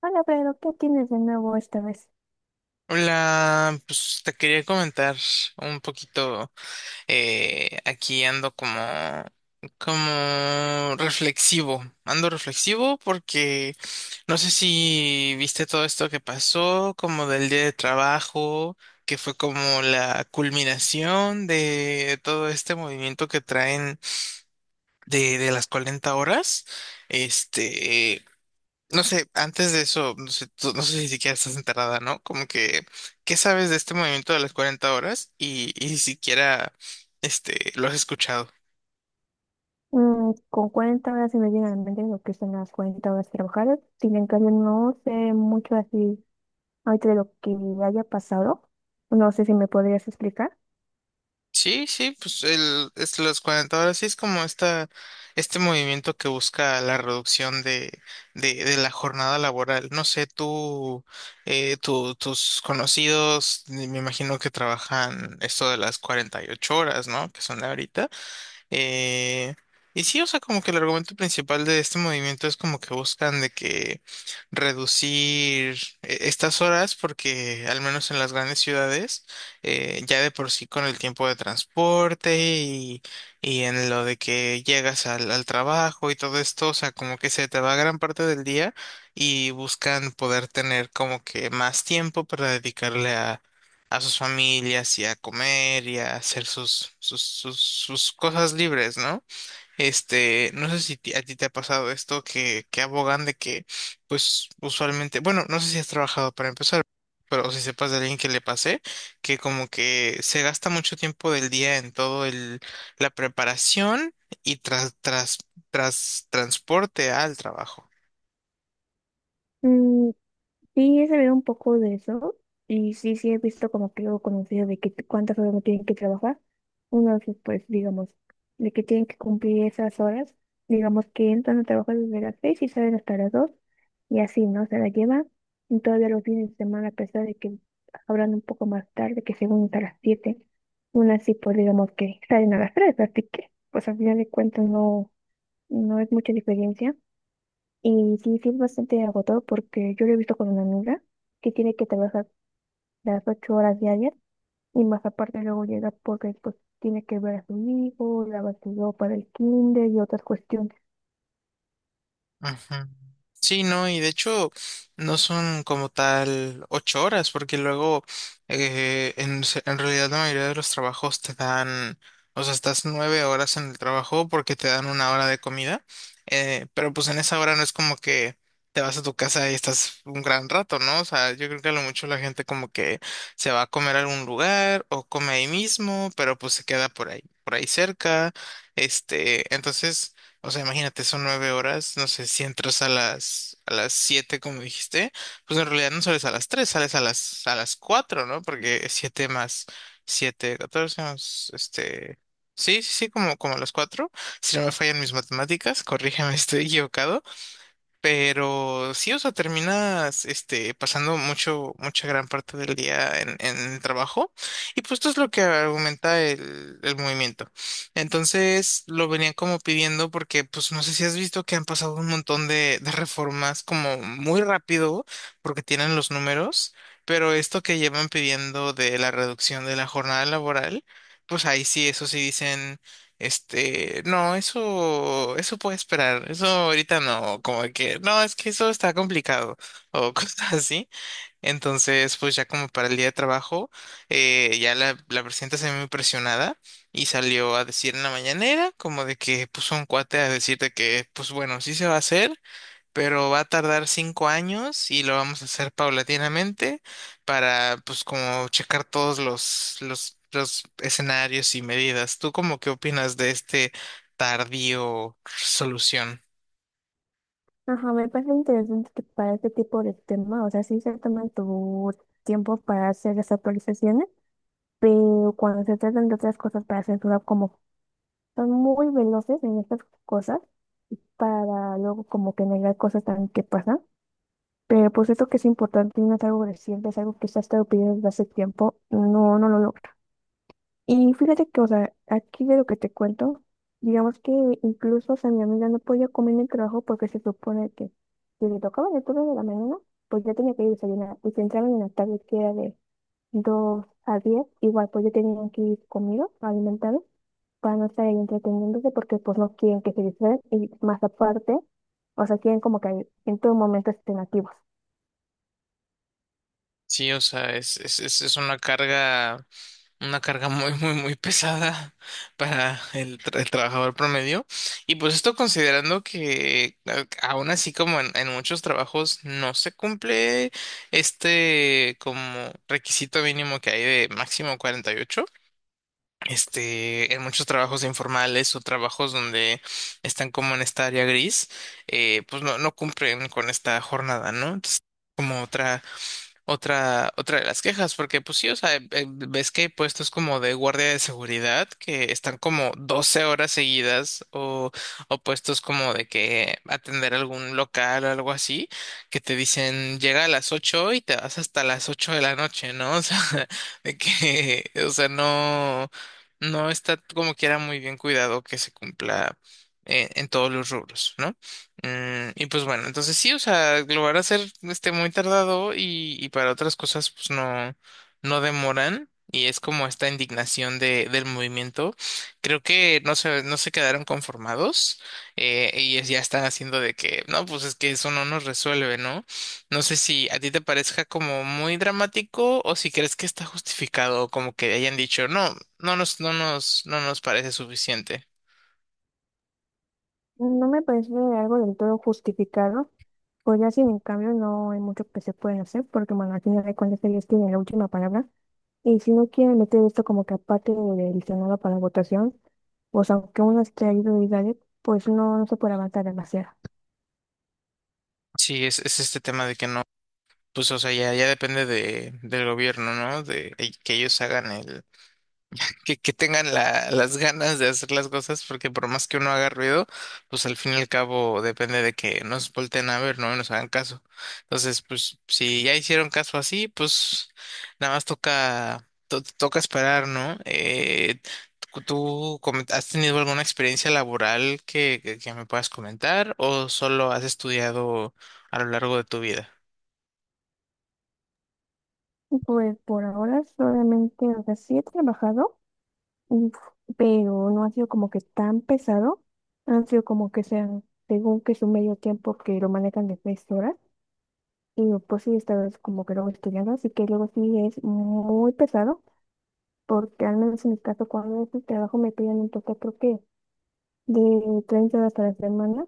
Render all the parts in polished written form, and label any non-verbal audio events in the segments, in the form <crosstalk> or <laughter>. Hola, pero ¿qué tienes de nuevo esta vez? Hola, pues te quería comentar un poquito, aquí ando como reflexivo, ando reflexivo porque no sé si viste todo esto que pasó, como del día de trabajo, que fue como la culminación de todo este movimiento que traen de las 40 horas, este... No sé, antes de eso, no sé, no sé si siquiera estás enterrada, ¿no? Como que, ¿qué sabes de este movimiento de las 40 horas? Y ni siquiera, lo has escuchado. Con 40 horas se me viene a la mente lo que son las 40 horas trabajadas. Sin embargo, no sé mucho así ahorita de lo que haya pasado. No sé si me podrías explicar. Sí, sí, pues es las 40 horas sí es como este movimiento que busca la reducción de la jornada laboral. No sé, tus conocidos, me imagino que trabajan esto de las 48 horas, ¿no? Que son ahorita. Eh, y sí, o sea, como que el argumento principal de este movimiento es como que buscan de que reducir estas horas porque al menos en las grandes ciudades ya de por sí con el tiempo de transporte y en lo de que llegas al trabajo y todo esto, o sea, como que se te va gran parte del día y buscan poder tener como que más tiempo para dedicarle a sus familias y a comer y a hacer sus cosas libres, ¿no? No sé si a ti te ha pasado esto que abogan de que, pues, usualmente, bueno, no sé si has trabajado para empezar, pero si sepas de alguien que le pase, que como que se gasta mucho tiempo del día en todo la preparación y tras transporte al trabajo. Sí, he sabido un poco de eso y sí, sí he visto como que algo conocido de que cuántas horas no tienen que trabajar. Entonces, pues digamos, de que tienen que cumplir esas horas, digamos que entran a trabajar desde las 6 y salen hasta las 2 y así, ¿no? Se la llevan, y todavía los fines de semana, a pesar de que abran un poco más tarde, que según hasta las 7, aún así, pues digamos que salen a las 3, así que pues al final de cuentas no, no es mucha diferencia. Y sí, sí es bastante agotador porque yo lo he visto con una amiga que tiene que trabajar las 8 horas diarias y más aparte luego llega porque pues tiene que ver a su hijo, lavar su ropa del kinder y otras cuestiones. Ujú. Sí, no, y de hecho no son como tal 8 horas, porque luego en realidad la mayoría de los trabajos te dan, o sea, estás 9 horas en el trabajo porque te dan una hora de comida, pero pues en esa hora no es como que te vas a tu casa y estás un gran rato, ¿no? O sea, yo creo que a lo mucho la gente como que se va a comer a algún lugar o come ahí mismo, pero pues se queda por ahí cerca. Entonces, o sea, imagínate, son 9 horas, no sé, si entras a las siete, como dijiste, pues en realidad no sales a las tres, sales a las cuatro, ¿no? Porque siete más siete, 14 más sí, sí, sí, como a las cuatro. Si no me fallan mis matemáticas, corrígeme, <laughs> si estoy equivocado. Pero sí, o sea, terminas pasando mucha gran parte del día en el trabajo. Y pues esto es lo que argumenta el movimiento. Entonces lo venían como pidiendo porque, pues no sé si has visto que han pasado un montón de reformas como muy rápido porque tienen los números. Pero esto que llevan pidiendo de la reducción de la jornada laboral, pues ahí sí, eso sí dicen. No, eso puede esperar. Eso ahorita no, como que, no, es que eso está complicado o <laughs> cosas así. Entonces, pues ya como para el día de trabajo, ya la presidenta se ve muy presionada y salió a decir en la mañanera, como de que puso un cuate a decirte que, pues bueno, sí se va a hacer, pero va a tardar 5 años y lo vamos a hacer paulatinamente para, pues, como checar todos los escenarios y medidas. ¿Tú como qué opinas de este tardío solución? Ajá, me parece interesante que para este tipo de temas, o sea, sí se toman tu tiempo para hacer las actualizaciones, pero cuando se tratan de otras cosas para censurar, como son muy veloces en estas cosas, para luego como que negar cosas también que pasan. Pero pues esto que es importante no es algo reciente, es algo que se ha estado pidiendo desde hace tiempo, no, no lo logra. Y fíjate que, o sea, aquí de lo que te cuento, digamos que incluso, o sea, mi amiga no podía comer en el trabajo porque se supone que si le tocaba el turno de la mañana, pues ya tenía que ir a desayunar. Y si entraban en la tarde, que era de 2 a 10, igual pues ya tenían que ir comidos, alimentados, para no estar ahí entreteniéndose porque pues no quieren que se distraigan y más aparte, o sea, quieren como que en todo momento estén activos. Sí, o sea, es una carga. Una carga muy, muy, muy pesada para el trabajador promedio. Y pues esto considerando que aún así como en muchos trabajos no se cumple este como requisito mínimo que hay de máximo 48. En muchos trabajos informales o trabajos donde están como en esta área gris, pues no, no cumplen con esta jornada, ¿no? Entonces, como otra de las quejas, porque pues sí, o sea, ves que hay puestos como de guardia de seguridad que están como 12 horas seguidas o puestos como de que atender algún local o algo así, que te dicen llega a las 8 y te vas hasta las 8 de la noche, ¿no? <laughs> O sea, de que, o sea, no está como quiera muy bien cuidado que se cumpla en todos los rubros, ¿no? Y pues bueno, entonces sí, o sea, lo van a hacer muy tardado y para otras cosas pues no demoran y es como esta indignación del movimiento. Creo que no se quedaron conformados y ya están haciendo de que, no, pues es que eso no nos resuelve, ¿no? No sé si a ti te parezca como muy dramático o si crees que está justificado, como que hayan dicho, no, no nos parece suficiente. No me parece algo del todo justificado, pues ya sin en cambio no hay mucho que se pueden hacer, porque bueno, al final de cuentas ellos tienen la última palabra, y si no quieren meter esto como que aparte del Senado para votación, pues aunque uno esté ahí duro y dale, pues no, no se puede avanzar demasiado. Sí, es este tema de que no. Pues, o sea, ya depende del gobierno, ¿no? De que ellos hagan que tengan las ganas de hacer las cosas, porque por más que uno haga ruido, pues al fin y al cabo depende de que nos volteen a ver, ¿no? Y nos hagan caso. Entonces, pues, si ya hicieron caso así, pues nada más toca esperar, ¿no? ¿ Has tenido alguna experiencia laboral que, que me puedas comentar o solo has estudiado a lo largo de tu vida? Pues por ahora solamente, o sea, sí he trabajado, uf, pero no ha sido como que tan pesado, han sido como que sean, según que es un medio tiempo que lo manejan de 3 horas. Y pues sí, estás como que luego estudiando, así que luego sí es muy pesado, porque al menos en mi caso, cuando es el trabajo me piden un total, creo que de 30 horas a la semana,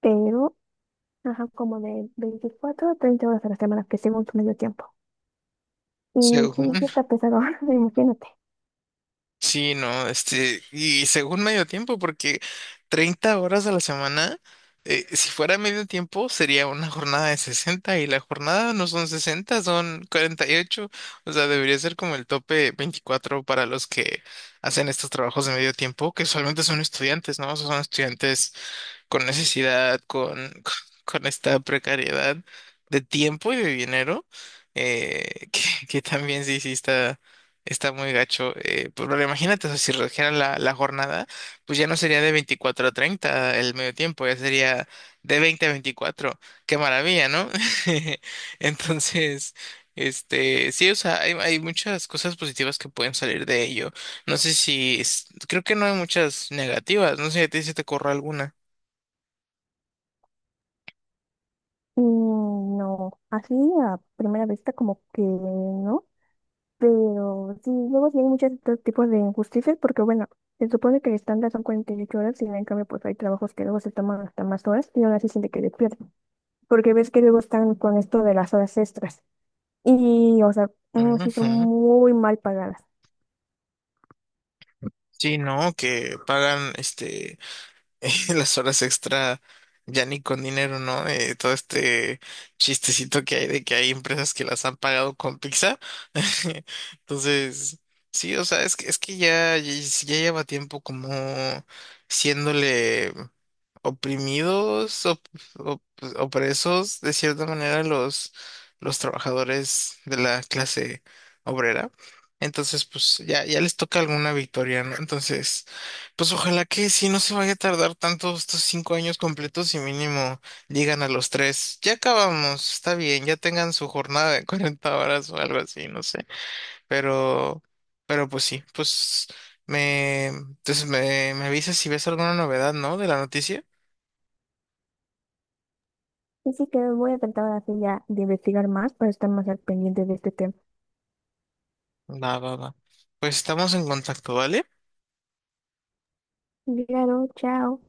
pero ajá, como de 24 a 30 horas a la semana, que según su medio tiempo. Y sí, sí Según- está pesado, <laughs> imagínate. Sí, no, y según medio tiempo, porque 30 horas a la semana, si fuera medio tiempo, sería una jornada de 60 y la jornada no son 60 son 48, o sea, debería ser como el tope 24 para los que hacen estos trabajos de medio tiempo, que usualmente son estudiantes, ¿no? O sea, son estudiantes con necesidad, con, <laughs> con con esta precariedad de tiempo y de dinero, eh, <laughs> que, que también sí, sí está muy gacho. Pero imagínate, o sea, si redujeran la jornada, pues ya no sería de 24 a 30 el medio tiempo, ya sería de 20 a 24. Qué maravilla, ¿no? <laughs> Entonces... sí, o sea, hay muchas cosas positivas que pueden salir de ello. No sé creo que no hay muchas negativas. No sé si a ti se te ocurre alguna. Y no, así a primera vista, como que no. Pero sí, luego sí hay muchos otros tipos de injusticias porque, bueno, se supone que el estándar son 48 horas y en cambio pues hay trabajos que luego se toman hasta más horas y aún así siente que le pierden. Porque ves que luego están con esto de las horas extras y, o sea, mm, sí son Ujú. muy mal pagadas. Sí, no, que pagan <laughs> las horas extra ya ni con dinero, ¿no? Todo este chistecito que hay de que hay empresas que las han pagado con pizza. <laughs> Entonces, sí, o sea, es que ya lleva tiempo como siéndole. oprimidos, op- op- Opresos de cierta manera los trabajadores de la clase obrera. Entonces, pues ya les toca alguna victoria, ¿no? Entonces, pues ojalá que si no se vaya a tardar tanto estos 5 años completos y mínimo llegan a los tres. Ya acabamos, está bien, ya tengan su jornada de <laughs> 40 horas o algo así, no sé. Pero, pero pues sí, pues entonces me avisas si ves alguna novedad, ¿no? De la noticia. Así que voy a tratar así ya de investigar más para estar más al pendiente de este tema. Va, va, va. Pues estamos en contacto, ¿vale? Claro, chao.